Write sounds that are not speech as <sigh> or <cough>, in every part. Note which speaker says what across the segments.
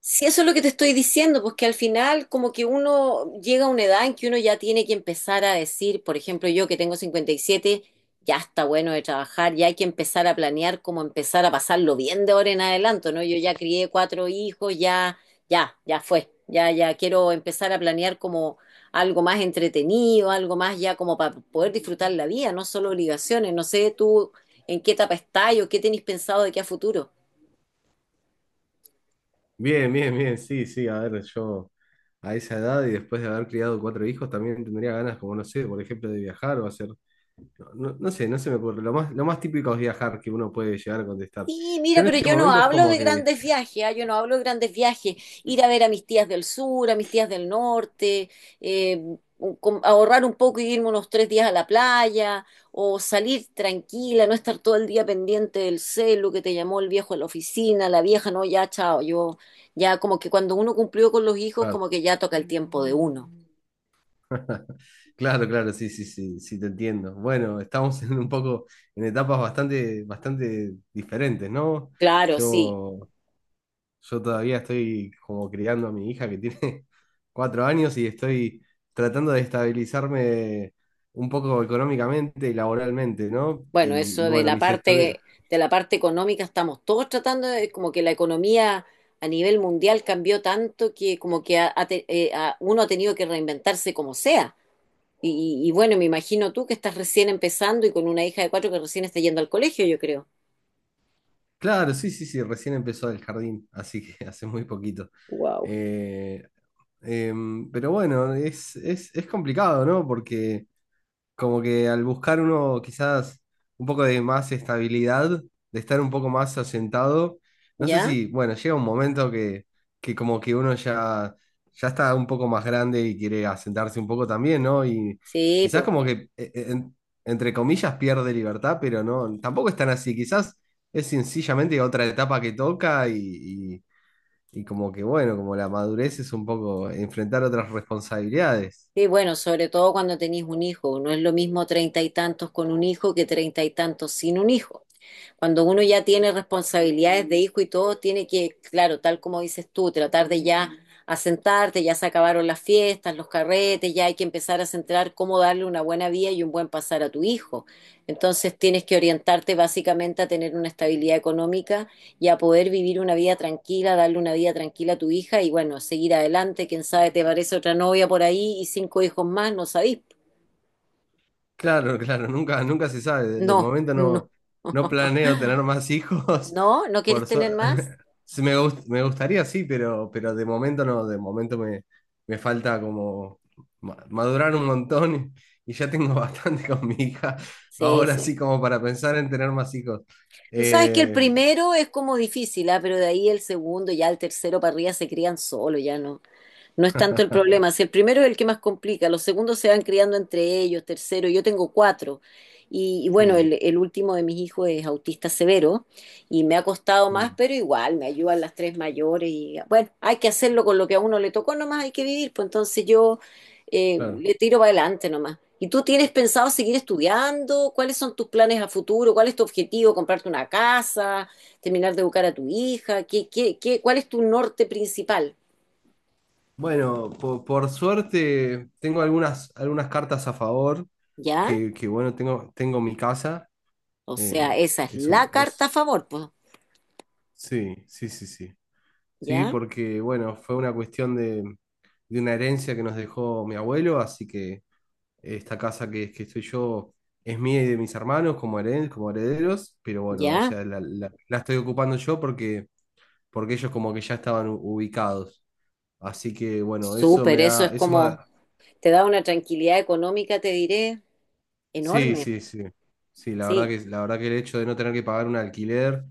Speaker 1: Sí, eso es lo que te estoy diciendo, pues que al final como que uno llega a una edad en que uno ya tiene que empezar a decir, por ejemplo, yo que tengo 57, ya está bueno de trabajar, ya hay que empezar a planear cómo empezar a pasarlo bien de ahora en adelante, ¿no? Yo ya crié cuatro hijos, ya, ya, ya fue, ya, ya quiero empezar a planear como algo más entretenido, algo más ya como para poder disfrutar la vida, no solo obligaciones, no sé tú en qué etapa estás o qué tenés pensado de qué a futuro.
Speaker 2: Bien, bien, bien, sí, sí, a ver, yo a esa edad y después de haber criado cuatro hijos también tendría ganas, como no sé, por ejemplo, de viajar o hacer, no, no sé, no se me ocurre, lo más típico es viajar que uno puede llegar a contestar.
Speaker 1: Sí,
Speaker 2: Yo
Speaker 1: mira,
Speaker 2: en
Speaker 1: pero
Speaker 2: este
Speaker 1: yo no
Speaker 2: momento es
Speaker 1: hablo
Speaker 2: como
Speaker 1: de
Speaker 2: que,
Speaker 1: grandes viajes, ¿ah? Yo no hablo de grandes viajes. Ir a ver a mis tías del sur, a mis tías del norte, eh, ahorrar un poco y irme unos 3 días a la playa, o salir tranquila, no estar todo el día pendiente del celu que te llamó el viejo a la oficina, la vieja, no, ya, chao. Yo, ya como que cuando uno cumplió con los hijos,
Speaker 2: claro,
Speaker 1: como que ya toca el tiempo de uno.
Speaker 2: <laughs> claro, claro, sí, sí, sí, sí, te entiendo. Bueno, estamos en un poco, en etapas bastante, bastante diferentes, ¿no?
Speaker 1: Claro, sí.
Speaker 2: Yo Yo todavía estoy como criando a mi hija que tiene <laughs> cuatro años y estoy tratando de estabilizarme un poco económicamente y laboralmente, ¿no?
Speaker 1: Bueno,
Speaker 2: Y
Speaker 1: eso
Speaker 2: bueno, mis estudios.
Speaker 1: de la parte económica estamos todos tratando de, como que la economía a nivel mundial cambió tanto que como que uno ha tenido que reinventarse como sea. Y bueno, me imagino tú que estás recién empezando y con una hija de cuatro que recién está yendo al colegio, yo creo.
Speaker 2: Claro, sí, sí, sí, recién empezó el jardín, así que <laughs> hace muy poquito.
Speaker 1: Wow.
Speaker 2: Eh, pero bueno, es complicado, ¿no? Porque como que al buscar uno quizás un poco de más estabilidad, de estar un poco más asentado, no sé
Speaker 1: ¿Ya?
Speaker 2: si, bueno, llega un momento que como que uno ya, ya está un poco más grande y quiere asentarse un poco también, ¿no? Y
Speaker 1: Sí,
Speaker 2: quizás
Speaker 1: pues.
Speaker 2: como que, entre comillas, pierde libertad, pero no, tampoco es tan así, quizás es sencillamente otra etapa que toca y como que, bueno, como la madurez es un poco enfrentar otras responsabilidades.
Speaker 1: Sí, bueno, sobre todo cuando tenés un hijo. No es lo mismo treinta y tantos con un hijo que treinta y tantos sin un hijo. Cuando uno ya tiene responsabilidades de hijo y todo, tiene que, claro, tal como dices tú, tratar de ya asentarte, ya se acabaron las fiestas, los carretes, ya hay que empezar a centrar cómo darle una buena vida y un buen pasar a tu hijo. Entonces tienes que orientarte básicamente a tener una estabilidad económica y a poder vivir una vida tranquila, darle una vida tranquila a tu hija y bueno, seguir adelante. Quién sabe, te parece otra novia por ahí y cinco hijos más, no sabís.
Speaker 2: Claro, claro, nunca, nunca se sabe. De
Speaker 1: No,
Speaker 2: momento
Speaker 1: no.
Speaker 2: no,
Speaker 1: <laughs>
Speaker 2: no planeo tener más hijos.
Speaker 1: ¿No? ¿No
Speaker 2: <laughs>
Speaker 1: quieres
Speaker 2: Por su-
Speaker 1: tener más?
Speaker 2: <laughs> Sí, me gustaría, sí, pero de momento no. De momento me, me falta como madurar un montón y ya tengo <laughs> bastante con mi hija.
Speaker 1: Sí,
Speaker 2: Ahora
Speaker 1: sí.
Speaker 2: sí, como para pensar en tener más hijos.
Speaker 1: Tú sabes que el
Speaker 2: Eh,
Speaker 1: primero es como difícil, ¿ah? Pero de ahí el segundo, ya el tercero para arriba se crían solo, ya no, no es tanto el
Speaker 2: <laughs>
Speaker 1: problema. Si el primero es el que más complica, los segundos se van criando entre ellos, tercero, yo tengo cuatro. Y bueno,
Speaker 2: Mm,
Speaker 1: el último de mis hijos es autista severo y me ha costado más,
Speaker 2: mm,
Speaker 1: pero igual me ayudan las tres mayores. Y bueno, hay que hacerlo con lo que a uno le tocó, nomás hay que vivir. Pues entonces yo
Speaker 2: claro.
Speaker 1: le tiro para adelante nomás. ¿Y tú tienes pensado seguir estudiando? ¿Cuáles son tus planes a futuro? ¿Cuál es tu objetivo? ¿Comprarte una casa? ¿Terminar de educar a tu hija? ¿ cuál es tu norte principal?
Speaker 2: Bueno, por suerte tengo algunas, algunas cartas a favor,
Speaker 1: ¿Ya?
Speaker 2: que bueno, tengo, tengo mi casa.
Speaker 1: O
Speaker 2: Eh,
Speaker 1: sea, esa es
Speaker 2: es un,
Speaker 1: la
Speaker 2: es,
Speaker 1: carta a favor, pues.
Speaker 2: sí, sí, sí, sí. Sí,
Speaker 1: ¿Ya?
Speaker 2: porque bueno, fue una cuestión de una herencia que nos dejó mi abuelo, así que esta casa que estoy yo es mía y de mis hermanos como, como herederos, pero bueno, o
Speaker 1: ¿Ya?
Speaker 2: sea, la, la estoy ocupando yo porque, porque ellos como que ya estaban ubicados. Así que bueno, eso me
Speaker 1: Súper, eso es
Speaker 2: da, eso me...
Speaker 1: como, te da una tranquilidad económica, te diré,
Speaker 2: Sí,
Speaker 1: enorme.
Speaker 2: sí, sí. Sí,
Speaker 1: Sí,
Speaker 2: la verdad que el hecho de no tener que pagar un alquiler,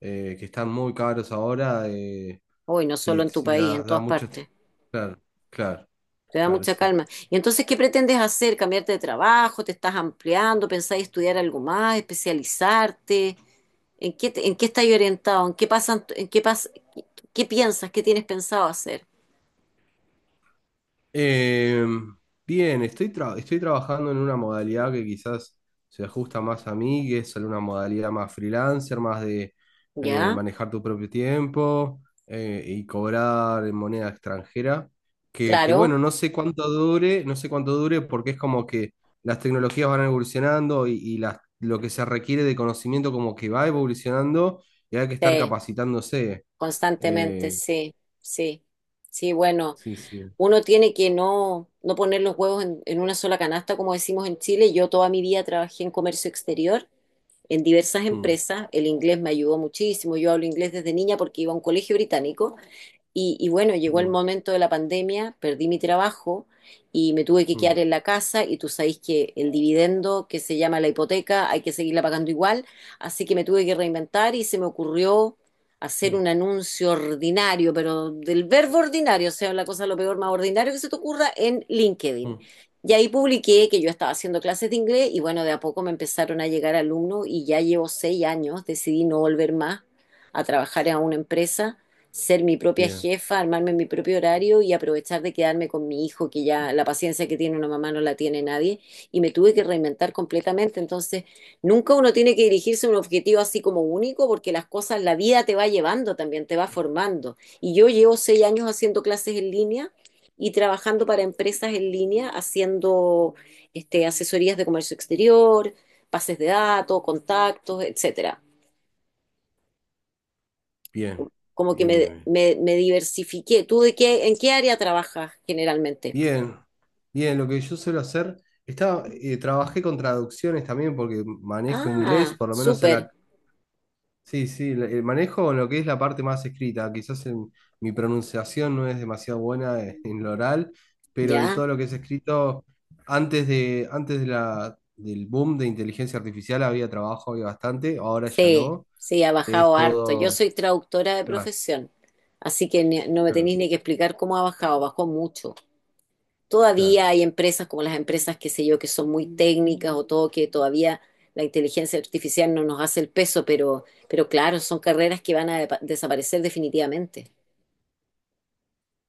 Speaker 2: que están muy caros ahora,
Speaker 1: hoy no
Speaker 2: sí,
Speaker 1: solo en tu
Speaker 2: sí,
Speaker 1: país,
Speaker 2: da,
Speaker 1: en
Speaker 2: da
Speaker 1: todas
Speaker 2: muchas...
Speaker 1: partes.
Speaker 2: Claro, claro,
Speaker 1: Te da
Speaker 2: claro,
Speaker 1: mucha
Speaker 2: sí.
Speaker 1: calma. Y entonces, ¿qué pretendes hacer? ¿Cambiarte de trabajo? ¿Te estás ampliando? ¿Pensás estudiar algo más? ¿Especializarte? ¿En qué, en qué estás orientado? ¿En qué pasan, en qué pas, ¿qué piensas? ¿Qué tienes pensado hacer?
Speaker 2: Eh, bien, estoy, estoy trabajando en una modalidad que quizás se ajusta más a mí, que es una modalidad más freelancer, más de
Speaker 1: ¿Ya?
Speaker 2: manejar tu propio tiempo, y cobrar en moneda extranjera. Que
Speaker 1: Claro,
Speaker 2: bueno, no sé cuánto dure, no sé cuánto dure porque es como que las tecnologías van evolucionando y lo que se requiere de conocimiento como que va evolucionando y hay que estar
Speaker 1: sí,
Speaker 2: capacitándose.
Speaker 1: constantemente,
Speaker 2: Eh,
Speaker 1: sí, sí. Sí, bueno.
Speaker 2: sí, sí.
Speaker 1: Uno tiene que no, no poner los huevos en, una sola canasta, como decimos en Chile. Yo toda mi vida trabajé en comercio exterior, en diversas
Speaker 2: Mm,
Speaker 1: empresas. El inglés me ayudó muchísimo. Yo hablo inglés desde niña porque iba a un colegio británico. Y bueno, llegó el
Speaker 2: mm,
Speaker 1: momento de la pandemia, perdí mi trabajo y me tuve que
Speaker 2: mm,
Speaker 1: quedar en la casa y tú sabéis que el dividendo que se llama la hipoteca hay que seguirla pagando igual, así que me tuve que reinventar y se me ocurrió hacer
Speaker 2: mm,
Speaker 1: un anuncio ordinario, pero del verbo ordinario, o sea, la cosa lo peor más ordinario que se te ocurra en LinkedIn.
Speaker 2: mm.
Speaker 1: Y ahí publiqué que yo estaba haciendo clases de inglés y bueno, de a poco me empezaron a llegar alumnos y ya llevo 6 años, decidí no volver más a trabajar en una empresa ser mi propia
Speaker 2: Bien,
Speaker 1: jefa, armarme mi propio horario y aprovechar de quedarme con mi hijo, que ya la paciencia que tiene una mamá no la tiene nadie, y me tuve que reinventar completamente. Entonces, nunca uno tiene que dirigirse a un objetivo así como único, porque las cosas, la vida te va llevando también, te va formando. Y yo llevo 6 años haciendo clases en línea y trabajando para empresas en línea, haciendo este, asesorías de comercio exterior, pases de datos, contactos, etcétera
Speaker 2: bien,
Speaker 1: como que
Speaker 2: bien, bien, bien.
Speaker 1: me diversifiqué. ¿Tú de qué, en qué área trabajas generalmente?
Speaker 2: Bien, bien, lo que yo suelo hacer, estaba,
Speaker 1: Ujú.
Speaker 2: trabajé con traducciones también porque manejo inglés,
Speaker 1: Ah,
Speaker 2: por lo menos en
Speaker 1: súper,
Speaker 2: la... Sí, sí, manejo lo que es la parte más escrita, quizás en, mi pronunciación no es demasiado buena, en lo oral, pero en
Speaker 1: ya.
Speaker 2: todo lo que es escrito, antes de la, del boom de inteligencia artificial había trabajo, había bastante, ahora ya
Speaker 1: Sí,
Speaker 2: no,
Speaker 1: sí, ha
Speaker 2: es
Speaker 1: bajado harto. Yo
Speaker 2: todo...
Speaker 1: soy traductora de
Speaker 2: Claro,
Speaker 1: profesión, así que no me
Speaker 2: claro,
Speaker 1: tenéis ni que explicar cómo ha bajado, bajó mucho.
Speaker 2: claro.
Speaker 1: Todavía hay empresas como las empresas, qué sé yo, que son muy técnicas o todo, que todavía la inteligencia artificial no nos hace el peso, pero, claro, son carreras que van a desaparecer definitivamente.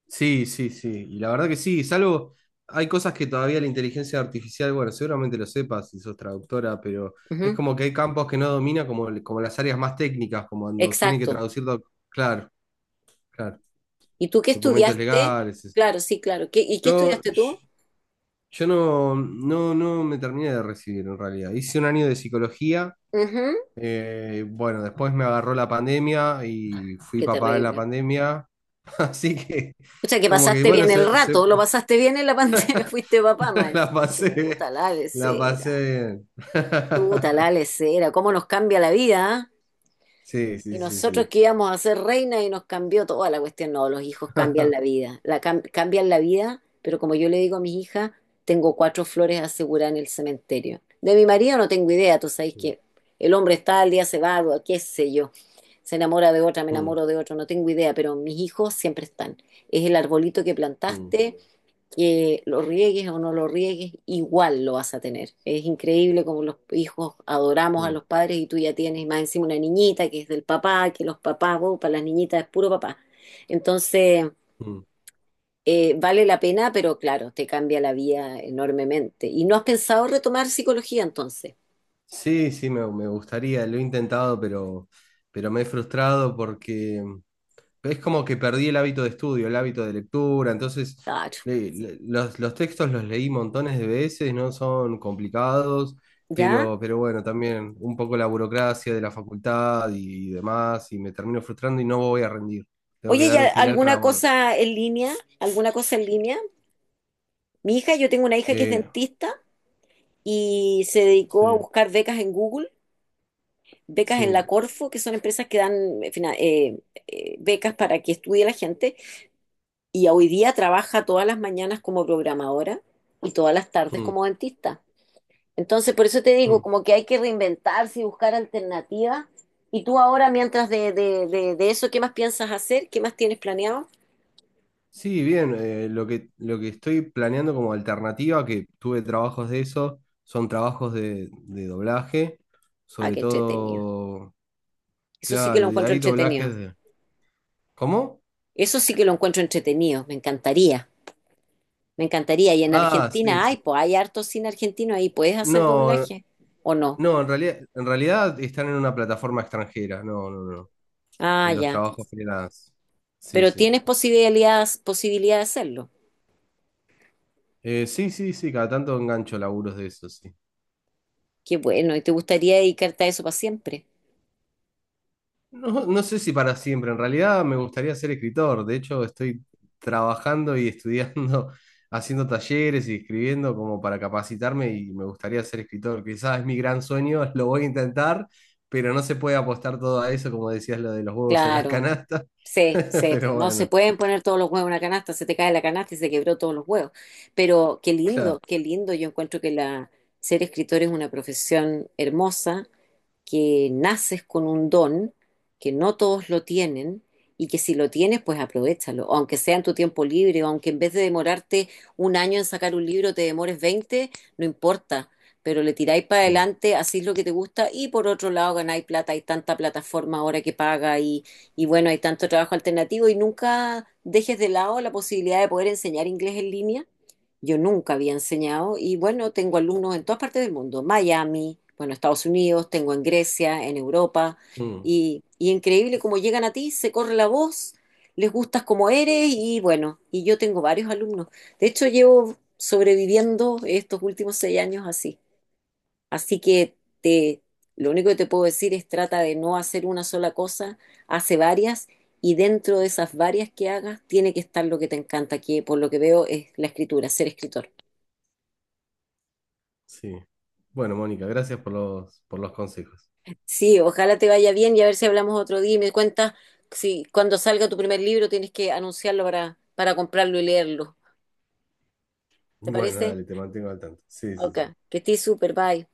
Speaker 2: Sí, sí, sí. Y la verdad que sí, salvo hay cosas que todavía la inteligencia artificial, bueno, seguramente lo sepas si sos traductora, pero es
Speaker 1: Ujú.
Speaker 2: como que hay campos que no domina, como, como las áreas más técnicas, como cuando tienen que
Speaker 1: Exacto.
Speaker 2: traducir, claro, claro,
Speaker 1: ¿Y tú qué
Speaker 2: documentos
Speaker 1: estudiaste?
Speaker 2: legales. Eso.
Speaker 1: Claro, sí, claro. ¿Y qué
Speaker 2: Yo,
Speaker 1: estudiaste
Speaker 2: yo
Speaker 1: tú?
Speaker 2: yo no, no, no me terminé de recibir en realidad. Hice un año de psicología,
Speaker 1: Ujú.
Speaker 2: bueno, después me agarró la pandemia y fui
Speaker 1: Qué
Speaker 2: papá en la
Speaker 1: terrible.
Speaker 2: pandemia, <laughs> así que
Speaker 1: O sea, que
Speaker 2: como que
Speaker 1: pasaste
Speaker 2: bueno,
Speaker 1: bien el rato, lo pasaste bien en la <laughs> pandemia, fuiste papá más
Speaker 2: <laughs> la
Speaker 1: encima.
Speaker 2: pasé bien, la pasé bien.
Speaker 1: Chuta la
Speaker 2: <laughs>
Speaker 1: lesera, cómo nos cambia la vida, ¿ah?
Speaker 2: Sí,
Speaker 1: Y
Speaker 2: sí, sí,
Speaker 1: nosotros
Speaker 2: sí.
Speaker 1: que íbamos a ser reina y nos cambió toda la cuestión. No, los hijos cambian la vida, la cambian la vida, pero como yo le digo a mis hijas, tengo cuatro flores aseguradas en el cementerio. De mi marido no tengo idea, tú sabes
Speaker 2: Mm,
Speaker 1: que el hombre está al día se va, qué sé yo, se enamora de otra, me
Speaker 2: mm,
Speaker 1: enamoro de otro, no tengo idea, pero mis hijos siempre están. Es el arbolito que
Speaker 2: mm,
Speaker 1: plantaste, que lo riegues o no lo riegues, igual lo vas a tener. Es increíble como los hijos adoramos a
Speaker 2: mm,
Speaker 1: los padres y tú ya tienes más encima una niñita que es del papá, que los papás, vos, para las niñitas es puro papá. Entonces,
Speaker 2: mm.
Speaker 1: vale la pena, pero claro, te cambia la vida enormemente. ¿Y no has pensado retomar psicología entonces?
Speaker 2: Sí, sí, me gustaría, lo he intentado, pero me he frustrado porque es como que perdí el hábito de estudio, el hábito de lectura, entonces
Speaker 1: Claro,
Speaker 2: los textos los leí montones de veces, no son complicados,
Speaker 1: ¿ya?
Speaker 2: pero bueno, también un poco la burocracia de la facultad y demás, y me termino frustrando y no voy a rendir. Tengo que
Speaker 1: Oye, ¿y
Speaker 2: dar un final para
Speaker 1: alguna cosa en línea? ¿Alguna cosa en línea? Mi hija, yo tengo una hija que es
Speaker 2: Eh,
Speaker 1: dentista y se
Speaker 2: sí,
Speaker 1: dedicó a buscar becas en Google, becas en la
Speaker 2: sí.
Speaker 1: Corfo, que son empresas que dan becas para que estudie la gente, y hoy día trabaja todas las mañanas como programadora y todas las tardes
Speaker 2: Mm,
Speaker 1: como dentista. Entonces, por eso te digo,
Speaker 2: mm.
Speaker 1: como que hay que reinventarse y buscar alternativas. Y tú ahora, mientras de eso, ¿qué más piensas hacer? ¿Qué más tienes planeado?
Speaker 2: Sí, bien, lo que estoy planeando como alternativa, que tuve trabajos de eso, son trabajos de doblaje,
Speaker 1: Ah,
Speaker 2: sobre
Speaker 1: qué entretenido.
Speaker 2: todo,
Speaker 1: Eso sí que lo
Speaker 2: claro, y
Speaker 1: encuentro
Speaker 2: hay
Speaker 1: entretenido.
Speaker 2: doblajes de... ¿Cómo?
Speaker 1: Eso sí que lo encuentro entretenido. Me encantaría. Me encantaría. Y en
Speaker 2: Ah, sí,
Speaker 1: Argentina
Speaker 2: sí,
Speaker 1: hay,
Speaker 2: sí.
Speaker 1: pues hay harto cine argentino ahí. ¿Puedes hacer
Speaker 2: No,
Speaker 1: doblaje o no?
Speaker 2: no, en realidad están en una plataforma extranjera, no, no, no,
Speaker 1: Ah,
Speaker 2: en los
Speaker 1: ya.
Speaker 2: trabajos freelance. Sí,
Speaker 1: Pero
Speaker 2: sí.
Speaker 1: tienes posibilidad, posibilidad de hacerlo.
Speaker 2: Sí, sí, sí, cada tanto engancho laburos de eso, sí.
Speaker 1: Qué bueno. ¿Y te gustaría dedicarte a eso para siempre?
Speaker 2: No, no sé si para siempre, en realidad me gustaría ser escritor, de hecho estoy trabajando y estudiando, <laughs> haciendo talleres y escribiendo como para capacitarme y me gustaría ser escritor, quizás es mi gran sueño, <laughs> lo voy a intentar, pero no se puede apostar todo a eso, como decías lo de los huevos en la
Speaker 1: Claro.
Speaker 2: canasta,
Speaker 1: Sí,
Speaker 2: <laughs>
Speaker 1: sí. Pues
Speaker 2: pero
Speaker 1: no se
Speaker 2: bueno,
Speaker 1: pueden poner todos los huevos en una canasta. Se te cae la canasta y se quebró todos los huevos. Pero qué lindo,
Speaker 2: claro.
Speaker 1: qué lindo. Yo encuentro que la ser escritor es una profesión hermosa que naces con un don que no todos lo tienen y que si lo tienes, pues aprovéchalo, o aunque sea en tu tiempo libre, o aunque en vez de demorarte un año en sacar un libro te demores 20, no importa, pero le tiráis para
Speaker 2: Mm,
Speaker 1: adelante, hacéis lo que te gusta y por otro lado ganáis plata, hay tanta plataforma ahora que paga y bueno, hay tanto trabajo alternativo y nunca dejes de lado la posibilidad de poder enseñar inglés en línea. Yo nunca había enseñado y bueno, tengo alumnos en todas partes del mundo, Miami, bueno, Estados Unidos, tengo en Grecia, en Europa
Speaker 2: mm,
Speaker 1: y increíble cómo llegan a ti, se corre la voz, les gustas como eres y bueno, y yo tengo varios alumnos. De hecho, llevo sobreviviendo estos últimos 6 años así. Así que te, lo único que te puedo decir es trata de no hacer una sola cosa, hace varias y dentro de esas varias que hagas tiene que estar lo que te encanta, que por lo que veo es la escritura, ser escritor.
Speaker 2: sí. Bueno, Mónica, gracias por los consejos.
Speaker 1: Sí, ojalá te vaya bien y a ver si hablamos otro día y me cuentas si cuando salga tu primer libro tienes que anunciarlo para, comprarlo y leerlo. ¿Te
Speaker 2: Bueno,
Speaker 1: parece?
Speaker 2: dale, te mantengo al tanto. Sí, sí,
Speaker 1: Ok,
Speaker 2: sí.
Speaker 1: que estés súper, bye.